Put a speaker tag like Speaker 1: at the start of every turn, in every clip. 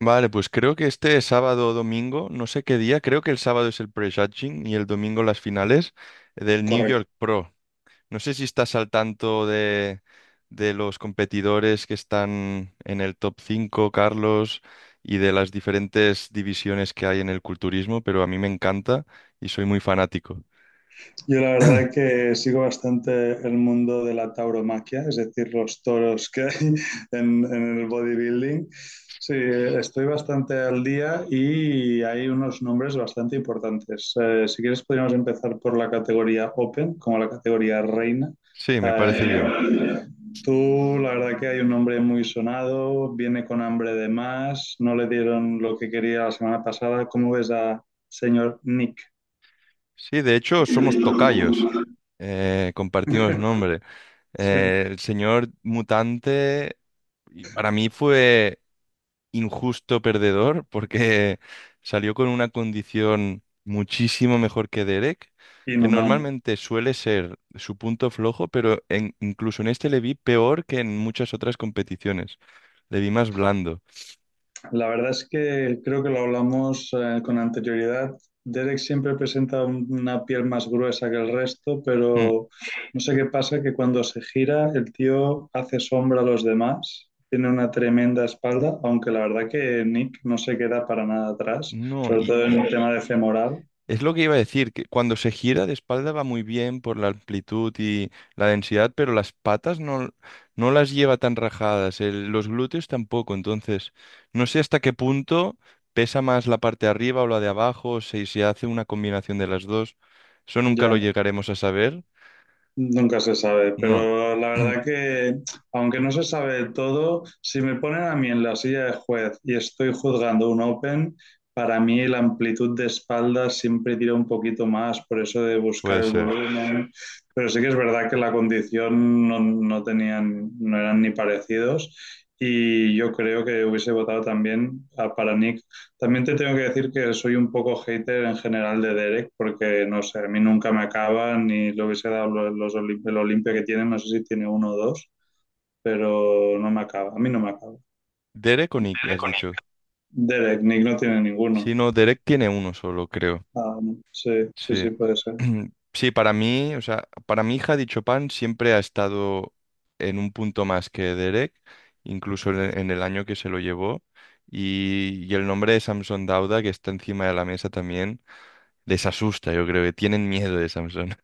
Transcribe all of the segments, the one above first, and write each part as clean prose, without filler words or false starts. Speaker 1: Vale, pues creo que este sábado o domingo, no sé qué día, creo que el sábado es el prejudging y el domingo las finales del New
Speaker 2: Correcto.
Speaker 1: York Pro. No sé si estás al tanto de los competidores que están en el top cinco, Carlos, y de las diferentes divisiones que hay en el culturismo, pero a mí me encanta y soy muy fanático.
Speaker 2: Yo la verdad que sigo bastante el mundo de la tauromaquia, es decir, los toros que hay en el bodybuilding. Sí, estoy bastante al día y hay unos nombres bastante importantes. Si quieres, podríamos empezar por la categoría Open, como la categoría Reina.
Speaker 1: Sí, me parece
Speaker 2: Eh,
Speaker 1: bien.
Speaker 2: tú, la verdad que hay un nombre muy sonado, viene con hambre de más, no le dieron lo que quería la semana pasada. ¿Cómo ves a señor Nick?
Speaker 1: Sí, de hecho, somos tocayos. Compartimos nombre.
Speaker 2: Sí,
Speaker 1: El señor mutante. Y para mí fue injusto perdedor porque salió con una condición muchísimo mejor que Derek, que
Speaker 2: inhumano.
Speaker 1: normalmente suele ser su punto flojo, pero incluso en este le vi peor que en muchas otras competiciones. Le vi más blando.
Speaker 2: La verdad es que creo que lo hablamos con anterioridad. Derek siempre presenta una piel más gruesa que el resto,
Speaker 1: Mm.
Speaker 2: pero no sé qué pasa, que cuando se gira el tío hace sombra a los demás, tiene una tremenda espalda, aunque la verdad que Nick no se queda para nada atrás,
Speaker 1: No,
Speaker 2: sobre
Speaker 1: y,
Speaker 2: todo en
Speaker 1: y
Speaker 2: el tema de femoral.
Speaker 1: Es lo que iba a decir, que cuando se gira de espalda va muy bien por la amplitud y la densidad, pero las patas no, no las lleva tan rajadas, los glúteos tampoco, entonces no sé hasta qué punto pesa más la parte de arriba o la de abajo, o si se hace una combinación de las dos, eso nunca lo
Speaker 2: Ya.
Speaker 1: llegaremos a saber.
Speaker 2: Nunca se sabe,
Speaker 1: No.
Speaker 2: pero la verdad que, aunque no se sabe todo, si me ponen a mí en la silla de juez y estoy juzgando un Open, para mí la amplitud de espalda siempre tira un poquito más, por eso de buscar
Speaker 1: Puede
Speaker 2: el
Speaker 1: ser.
Speaker 2: volumen. Pero sí que es verdad que la condición no, no tenían, no eran ni parecidos. Y yo creo que hubiese votado también para Nick. También te tengo que decir que soy un poco hater en general de Derek, porque no sé, a mí nunca me acaba, ni lo hubiese dado el Olimpia que tiene, no sé si tiene uno o dos, pero no me acaba, a mí no me acaba.
Speaker 1: Derek o Nick, has dicho.
Speaker 2: Derek, Nick no tiene
Speaker 1: Si
Speaker 2: ninguno.
Speaker 1: no, Derek tiene uno solo, creo.
Speaker 2: Ah, no. Sí, sí,
Speaker 1: Sí.
Speaker 2: sí, puede ser.
Speaker 1: Sí, para mí, o sea, para mi hija, dicho pan siempre ha estado en un punto más que Derek, incluso en el año que se lo llevó. Y el nombre de Samson Dauda, que está encima de la mesa también, les asusta. Yo creo que tienen miedo de Samson.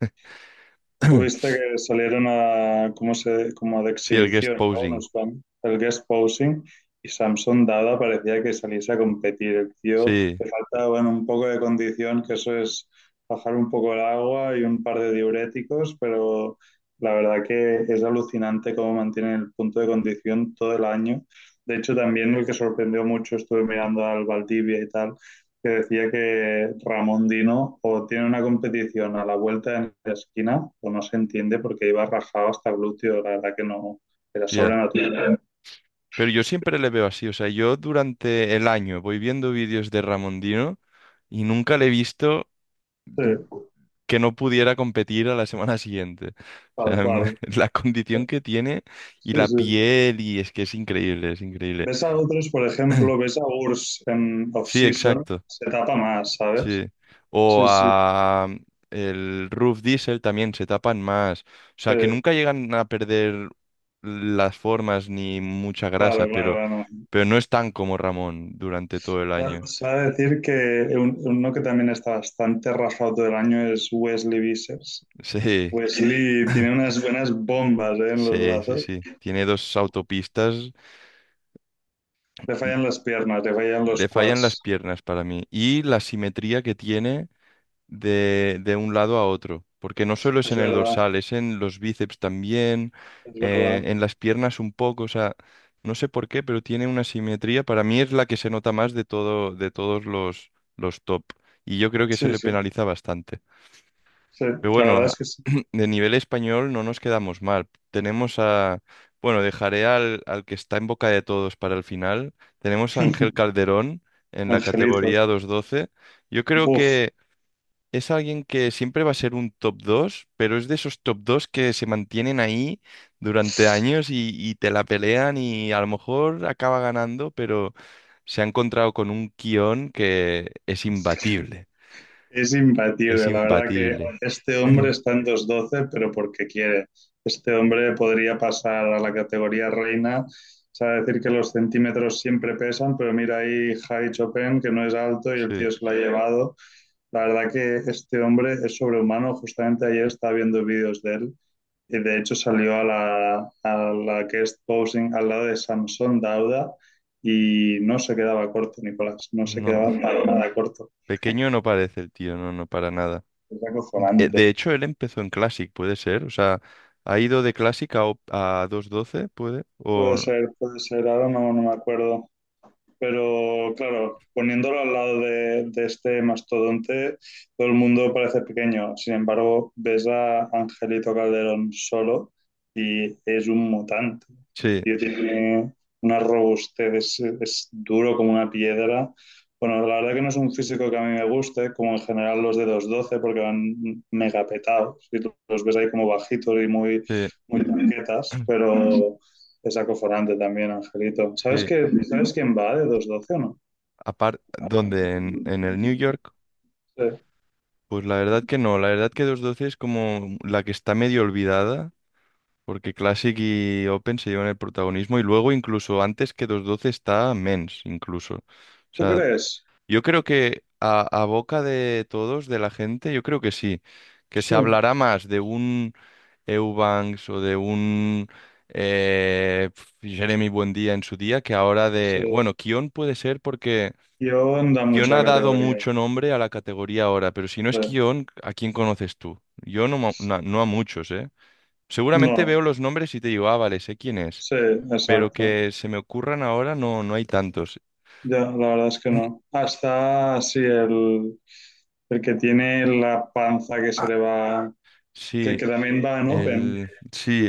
Speaker 2: Tuviste que salieron como de
Speaker 1: Sí, el guest
Speaker 2: exhibición, ¿no?
Speaker 1: posing.
Speaker 2: El guest posing, y Samson Dada parecía que saliese a competir. El tío
Speaker 1: Sí,
Speaker 2: le faltaba bueno, un poco de condición, que eso es bajar un poco el agua y un par de diuréticos, pero la verdad que es alucinante cómo mantiene el punto de condición todo el año. De hecho, también el que sorprendió mucho, estuve mirando al Valdivia y tal, que decía que Ramón Dino o tiene una competición a la vuelta de la esquina o no se entiende porque iba rajado hasta glúteo, la verdad que no, era
Speaker 1: ya.
Speaker 2: sobrenatural.
Speaker 1: Pero yo siempre le veo así, o sea, yo durante el año voy viendo vídeos de Ramondino y nunca le he visto
Speaker 2: Sí,
Speaker 1: que no pudiera competir a la semana siguiente. O
Speaker 2: tal
Speaker 1: sea,
Speaker 2: cual.
Speaker 1: la condición que tiene y
Speaker 2: Sí,
Speaker 1: la
Speaker 2: sí.
Speaker 1: piel, y es que es increíble, es increíble.
Speaker 2: Ves a otros, por ejemplo, ves a Urs en
Speaker 1: Sí,
Speaker 2: off-season,
Speaker 1: exacto,
Speaker 2: se tapa más, ¿sabes?
Speaker 1: sí. O
Speaker 2: Sí, sí,
Speaker 1: a el Roof Diesel también se tapan más. O
Speaker 2: sí.
Speaker 1: sea, que nunca llegan a perder las formas ni mucha grasa,
Speaker 2: Claro,
Speaker 1: pero,
Speaker 2: claro,
Speaker 1: pero no están como Ramón durante todo el
Speaker 2: claro.
Speaker 1: año.
Speaker 2: Se va a decir que uno que también está bastante rajado todo el año es Wesley Vissers.
Speaker 1: Sí,
Speaker 2: Wesley tiene unas buenas bombas, ¿eh? En los
Speaker 1: sí, sí,
Speaker 2: brazos.
Speaker 1: sí. Tiene dos autopistas.
Speaker 2: Le fallan las piernas, le fallan
Speaker 1: Le
Speaker 2: los
Speaker 1: fallan
Speaker 2: quads.
Speaker 1: las piernas para mí, y la simetría que tiene de un lado a otro, porque no solo es
Speaker 2: Es
Speaker 1: en el
Speaker 2: verdad,
Speaker 1: dorsal, es en los bíceps también,
Speaker 2: es verdad.
Speaker 1: en las piernas un poco, o sea, no sé por qué, pero tiene una simetría, para mí es la que se nota más de todo, de todos los top, y yo creo que se
Speaker 2: Sí,
Speaker 1: le
Speaker 2: sí,
Speaker 1: penaliza bastante.
Speaker 2: sí.
Speaker 1: Pero
Speaker 2: La verdad
Speaker 1: bueno,
Speaker 2: es que sí.
Speaker 1: de nivel español no nos quedamos mal. Tenemos a, bueno, dejaré al, al que está en boca de todos para el final. Tenemos a Ángel Calderón en la
Speaker 2: Angelito,
Speaker 1: categoría 212. Yo creo
Speaker 2: buf.
Speaker 1: que es alguien que siempre va a ser un top dos, pero es de esos top 2 que se mantienen ahí durante años, y te la pelean y a lo mejor acaba ganando, pero se ha encontrado con un guión que es imbatible.
Speaker 2: Es
Speaker 1: Es
Speaker 2: imbatible. La verdad que
Speaker 1: imbatible.
Speaker 2: este hombre está en 212 pero porque quiere. Este hombre podría pasar a la categoría reina. O sea, decir que los centímetros siempre pesan, pero mira ahí Javi Chopin, que no es alto y el
Speaker 1: Sí.
Speaker 2: tío se lo ha llevado. La verdad que este hombre es sobrehumano. Justamente ayer estaba viendo vídeos de él. Y de hecho salió a la guest posing al lado de Samson Dauda y no se quedaba corto, Nicolás, no se
Speaker 1: No.
Speaker 2: quedaba para nada corto.
Speaker 1: Pequeño no parece el tío, no, no, para nada.
Speaker 2: Es
Speaker 1: De,
Speaker 2: acojonante.
Speaker 1: de hecho, él empezó en Classic, puede ser. O sea, ha ido de Classic a 212, puede. O...
Speaker 2: Puede ser, ahora no, no me acuerdo. Pero claro, poniéndolo al lado de este mastodonte, todo el mundo parece pequeño. Sin embargo, ves a Angelito Calderón solo y es un mutante. El
Speaker 1: Sí,
Speaker 2: tío tiene una robustez, es duro como una piedra. Bueno, la verdad que no es un físico que a mí me guste, como en general los de 212 porque van mega petados. Y los ves ahí como bajitos y muy,
Speaker 1: sí,
Speaker 2: muy tanquetas, pero es acoforante también, Angelito. ¿Sabes
Speaker 1: sí.
Speaker 2: que, sabes quién va de 212 o no?
Speaker 1: Aparte, ¿dónde? En el New York.
Speaker 2: Sí.
Speaker 1: Pues la verdad que no. La verdad que 212 es como la que está medio olvidada, porque Classic y Open se llevan el protagonismo. Y luego, incluso antes que 212 está Men's, incluso. O
Speaker 2: ¿Tú
Speaker 1: sea,
Speaker 2: crees?
Speaker 1: yo creo que a boca de todos, de la gente, yo creo que sí, que se
Speaker 2: Sí,
Speaker 1: hablará más de un Eubanks o de un Jeremy Buendía en su día que ahora de...
Speaker 2: sí.
Speaker 1: Bueno, Kion puede ser porque
Speaker 2: Yo anda
Speaker 1: Kion
Speaker 2: mucho a
Speaker 1: ha dado
Speaker 2: categoría.
Speaker 1: mucho nombre a la categoría ahora, pero si no
Speaker 2: Sí.
Speaker 1: es Kion, ¿a quién conoces tú? Yo no, no a muchos, ¿eh? Seguramente
Speaker 2: No,
Speaker 1: veo los nombres y te digo, ah, vale, sé quién es,
Speaker 2: sí,
Speaker 1: pero
Speaker 2: exacto.
Speaker 1: que se me ocurran ahora no, no hay tantos.
Speaker 2: Ya, la verdad es que no. Hasta así el que tiene la panza que se
Speaker 1: Ah,
Speaker 2: le va, que,
Speaker 1: sí.
Speaker 2: que también va en Open,
Speaker 1: El, sí,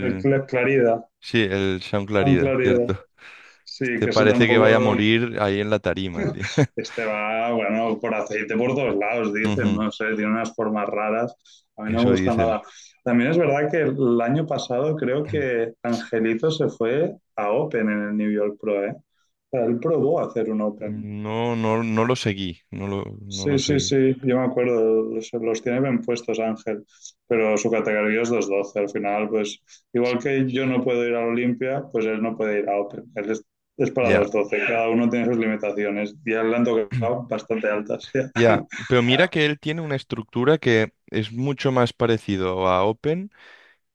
Speaker 2: el Clarida,
Speaker 1: sí, el Sean
Speaker 2: tan
Speaker 1: Clarida,
Speaker 2: Clarida.
Speaker 1: cierto.
Speaker 2: Sí,
Speaker 1: Este
Speaker 2: que eso
Speaker 1: parece que vaya a
Speaker 2: tampoco.
Speaker 1: morir ahí en la tarima, tío.
Speaker 2: Este va, bueno, por aceite por todos lados, dicen,
Speaker 1: Ujú.
Speaker 2: no sé, tiene unas formas raras. A mí no me
Speaker 1: Eso
Speaker 2: gusta
Speaker 1: dicen.
Speaker 2: nada. También es verdad que el año pasado creo que Angelito se fue a Open en el New York Pro, ¿eh? O sea, él probó a hacer un Open.
Speaker 1: No, no, no lo seguí, no lo
Speaker 2: Sí, sí,
Speaker 1: seguí.
Speaker 2: sí, yo me acuerdo, los tiene bien puestos Ángel, pero su categoría es 212. Al final, pues igual que yo no puedo ir a Olimpia, pues él no puede ir a Open. Él es para
Speaker 1: Ya,
Speaker 2: 212, cada uno tiene sus limitaciones y a él le han tocado bastante altas. Ya.
Speaker 1: ya. Pero mira que él tiene una estructura que es mucho más parecido a Open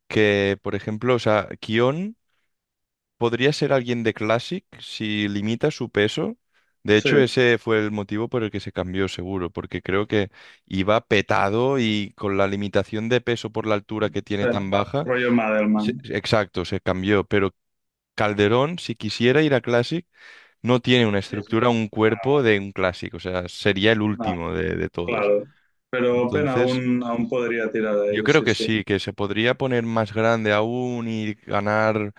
Speaker 1: que, por ejemplo, o sea, Kion. Podría ser alguien de Classic si limita su peso. De
Speaker 2: Sí,
Speaker 1: hecho, ese fue el motivo por el que se cambió seguro, porque creo que iba petado y con la limitación de peso por la altura que
Speaker 2: sí.
Speaker 1: tiene tan baja,
Speaker 2: Rollo Madelman.
Speaker 1: exacto, se cambió. Pero Calderón, si quisiera ir a Classic, no tiene una
Speaker 2: Sí, sí.
Speaker 1: estructura,
Speaker 2: No,
Speaker 1: un cuerpo de un Classic, o sea, sería el
Speaker 2: no,
Speaker 1: último de todos.
Speaker 2: claro. Pero Open
Speaker 1: Entonces,
Speaker 2: aún podría tirar de
Speaker 1: yo
Speaker 2: ahí,
Speaker 1: creo
Speaker 2: sí,
Speaker 1: que
Speaker 2: sí.
Speaker 1: sí, que se podría poner más grande aún y ganar.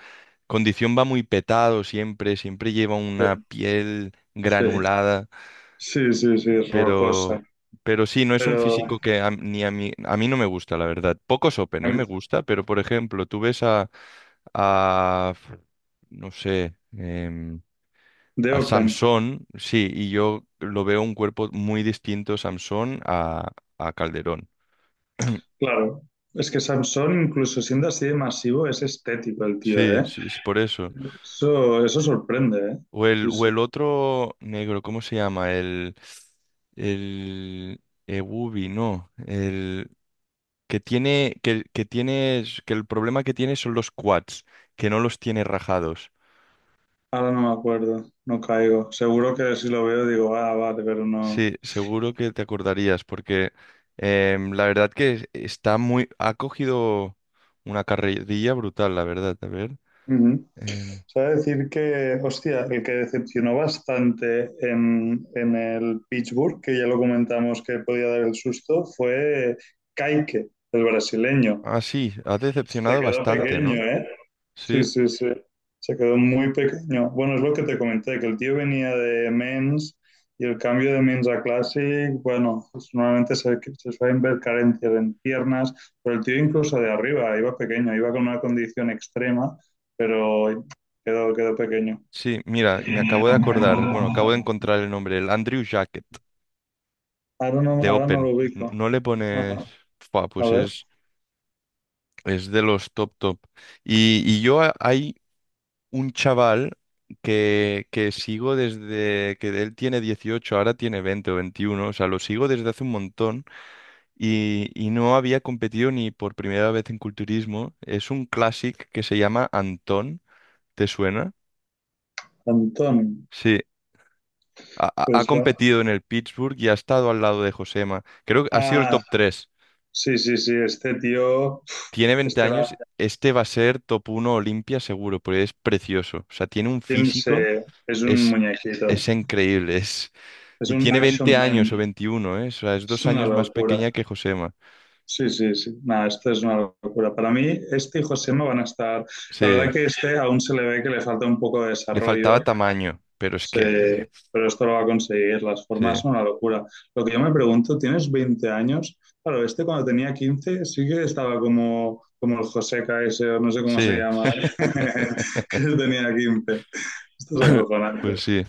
Speaker 1: Condición va muy petado siempre, siempre lleva una piel
Speaker 2: Sí,
Speaker 1: granulada,
Speaker 2: sí, sí, sí,
Speaker 1: pero,
Speaker 2: rocosa.
Speaker 1: pero sí, no es un
Speaker 2: Pero
Speaker 1: físico que ni a mí, a mí no me gusta, la verdad. Pocos Open,
Speaker 2: a
Speaker 1: ¿eh? Me
Speaker 2: mí-
Speaker 1: gusta, pero por ejemplo, tú ves a no sé,
Speaker 2: de
Speaker 1: al
Speaker 2: Open,
Speaker 1: Samson, sí, y yo lo veo un cuerpo muy distinto Samson a Calderón.
Speaker 2: claro. Es que Samson, incluso siendo así de masivo, es estético el tío,
Speaker 1: Sí,
Speaker 2: ¿eh?
Speaker 1: sí, sí, por eso.
Speaker 2: Eso sorprende, ¿eh? Sí,
Speaker 1: O
Speaker 2: sí.
Speaker 1: el otro negro, ¿cómo se llama? El Ebubi, no. El que tiene, que tiene, que el problema que tiene son los quads, que no los tiene rajados.
Speaker 2: Ahora no me acuerdo, no caigo. Seguro que si lo veo digo, ah, vale, pero no.
Speaker 1: Sí, seguro que te acordarías, porque la verdad que está muy, ha cogido una carrerilla brutal, la verdad. A ver.
Speaker 2: Ujú.
Speaker 1: em,
Speaker 2: O sea, decir que, hostia, el que decepcionó bastante en el Pittsburgh, que ya lo comentamos que podía dar el susto, fue Kaique, el brasileño.
Speaker 1: ah, sí, ha
Speaker 2: Se
Speaker 1: decepcionado
Speaker 2: quedó
Speaker 1: bastante,
Speaker 2: pequeño,
Speaker 1: ¿no?
Speaker 2: ¿eh? Sí,
Speaker 1: Sí,
Speaker 2: sí, sí. Se quedó muy pequeño. Bueno, es lo que te comenté, que el tío venía de Men's y el cambio de Men's a Classic, bueno, pues normalmente se suelen ver carencias en piernas, pero el tío incluso de arriba iba pequeño, iba con una condición extrema, pero quedó, quedó pequeño.
Speaker 1: sí, mira, me acabo de acordar, bueno, acabo de encontrar el nombre, el Andrew Jacket.
Speaker 2: Ahora no,
Speaker 1: De
Speaker 2: lo
Speaker 1: Open.
Speaker 2: ubico.
Speaker 1: No le pones...
Speaker 2: Ajá.
Speaker 1: Fua,
Speaker 2: A
Speaker 1: pues
Speaker 2: ver,
Speaker 1: es de los top top. Y yo hay un chaval que sigo desde que él tiene 18, ahora tiene 20 o 21, o sea, lo sigo desde hace un montón y no había competido ni por primera vez en culturismo. Es un classic que se llama Antón, ¿te suena?
Speaker 2: Antón,
Speaker 1: Sí. Ha
Speaker 2: pues la...
Speaker 1: competido en el Pittsburgh y ha estado al lado de Josema. Creo que ha sido el
Speaker 2: Ah,
Speaker 1: top tres.
Speaker 2: sí, sí, sí, este tío,
Speaker 1: Tiene 20
Speaker 2: este
Speaker 1: años,
Speaker 2: la,
Speaker 1: este va a ser top uno Olimpia seguro, porque es precioso. O sea, tiene un físico,
Speaker 2: Es un
Speaker 1: es,
Speaker 2: muñequito,
Speaker 1: es increíble. Es,
Speaker 2: es
Speaker 1: y
Speaker 2: un
Speaker 1: tiene 20
Speaker 2: action
Speaker 1: años o
Speaker 2: man,
Speaker 1: 21, ¿eh? O sea, es
Speaker 2: es
Speaker 1: 2
Speaker 2: una
Speaker 1: años más
Speaker 2: locura.
Speaker 1: pequeña que Josema.
Speaker 2: Sí, sí, sí, nada, esto es una locura. Para mí, este y Josema van a estar, la
Speaker 1: Sí,
Speaker 2: verdad que este aún se le ve que le falta un poco de
Speaker 1: le faltaba
Speaker 2: desarrollo,
Speaker 1: tamaño, pero es que...
Speaker 2: pero esto lo va a conseguir, las
Speaker 1: Sí,
Speaker 2: formas son una locura. Lo que yo me pregunto, tienes 20 años, claro, este cuando tenía 15 sí que estaba como, el Joseca ese, o no sé cómo se
Speaker 1: sí.
Speaker 2: llama, que tenía 15. Esto es
Speaker 1: Pues
Speaker 2: acojonante.
Speaker 1: sí.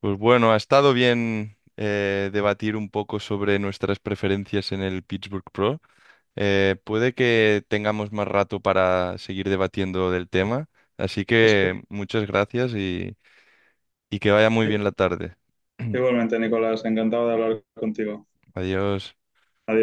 Speaker 1: Pues bueno, ha estado bien debatir un poco sobre nuestras preferencias en el Pittsburgh Pro. Puede que tengamos más rato para seguir debatiendo del tema, así que
Speaker 2: Después-
Speaker 1: muchas gracias, y que vaya muy
Speaker 2: ¿eh?
Speaker 1: bien la tarde.
Speaker 2: Igualmente, Nicolás, encantado de hablar contigo.
Speaker 1: Adiós.
Speaker 2: Adiós.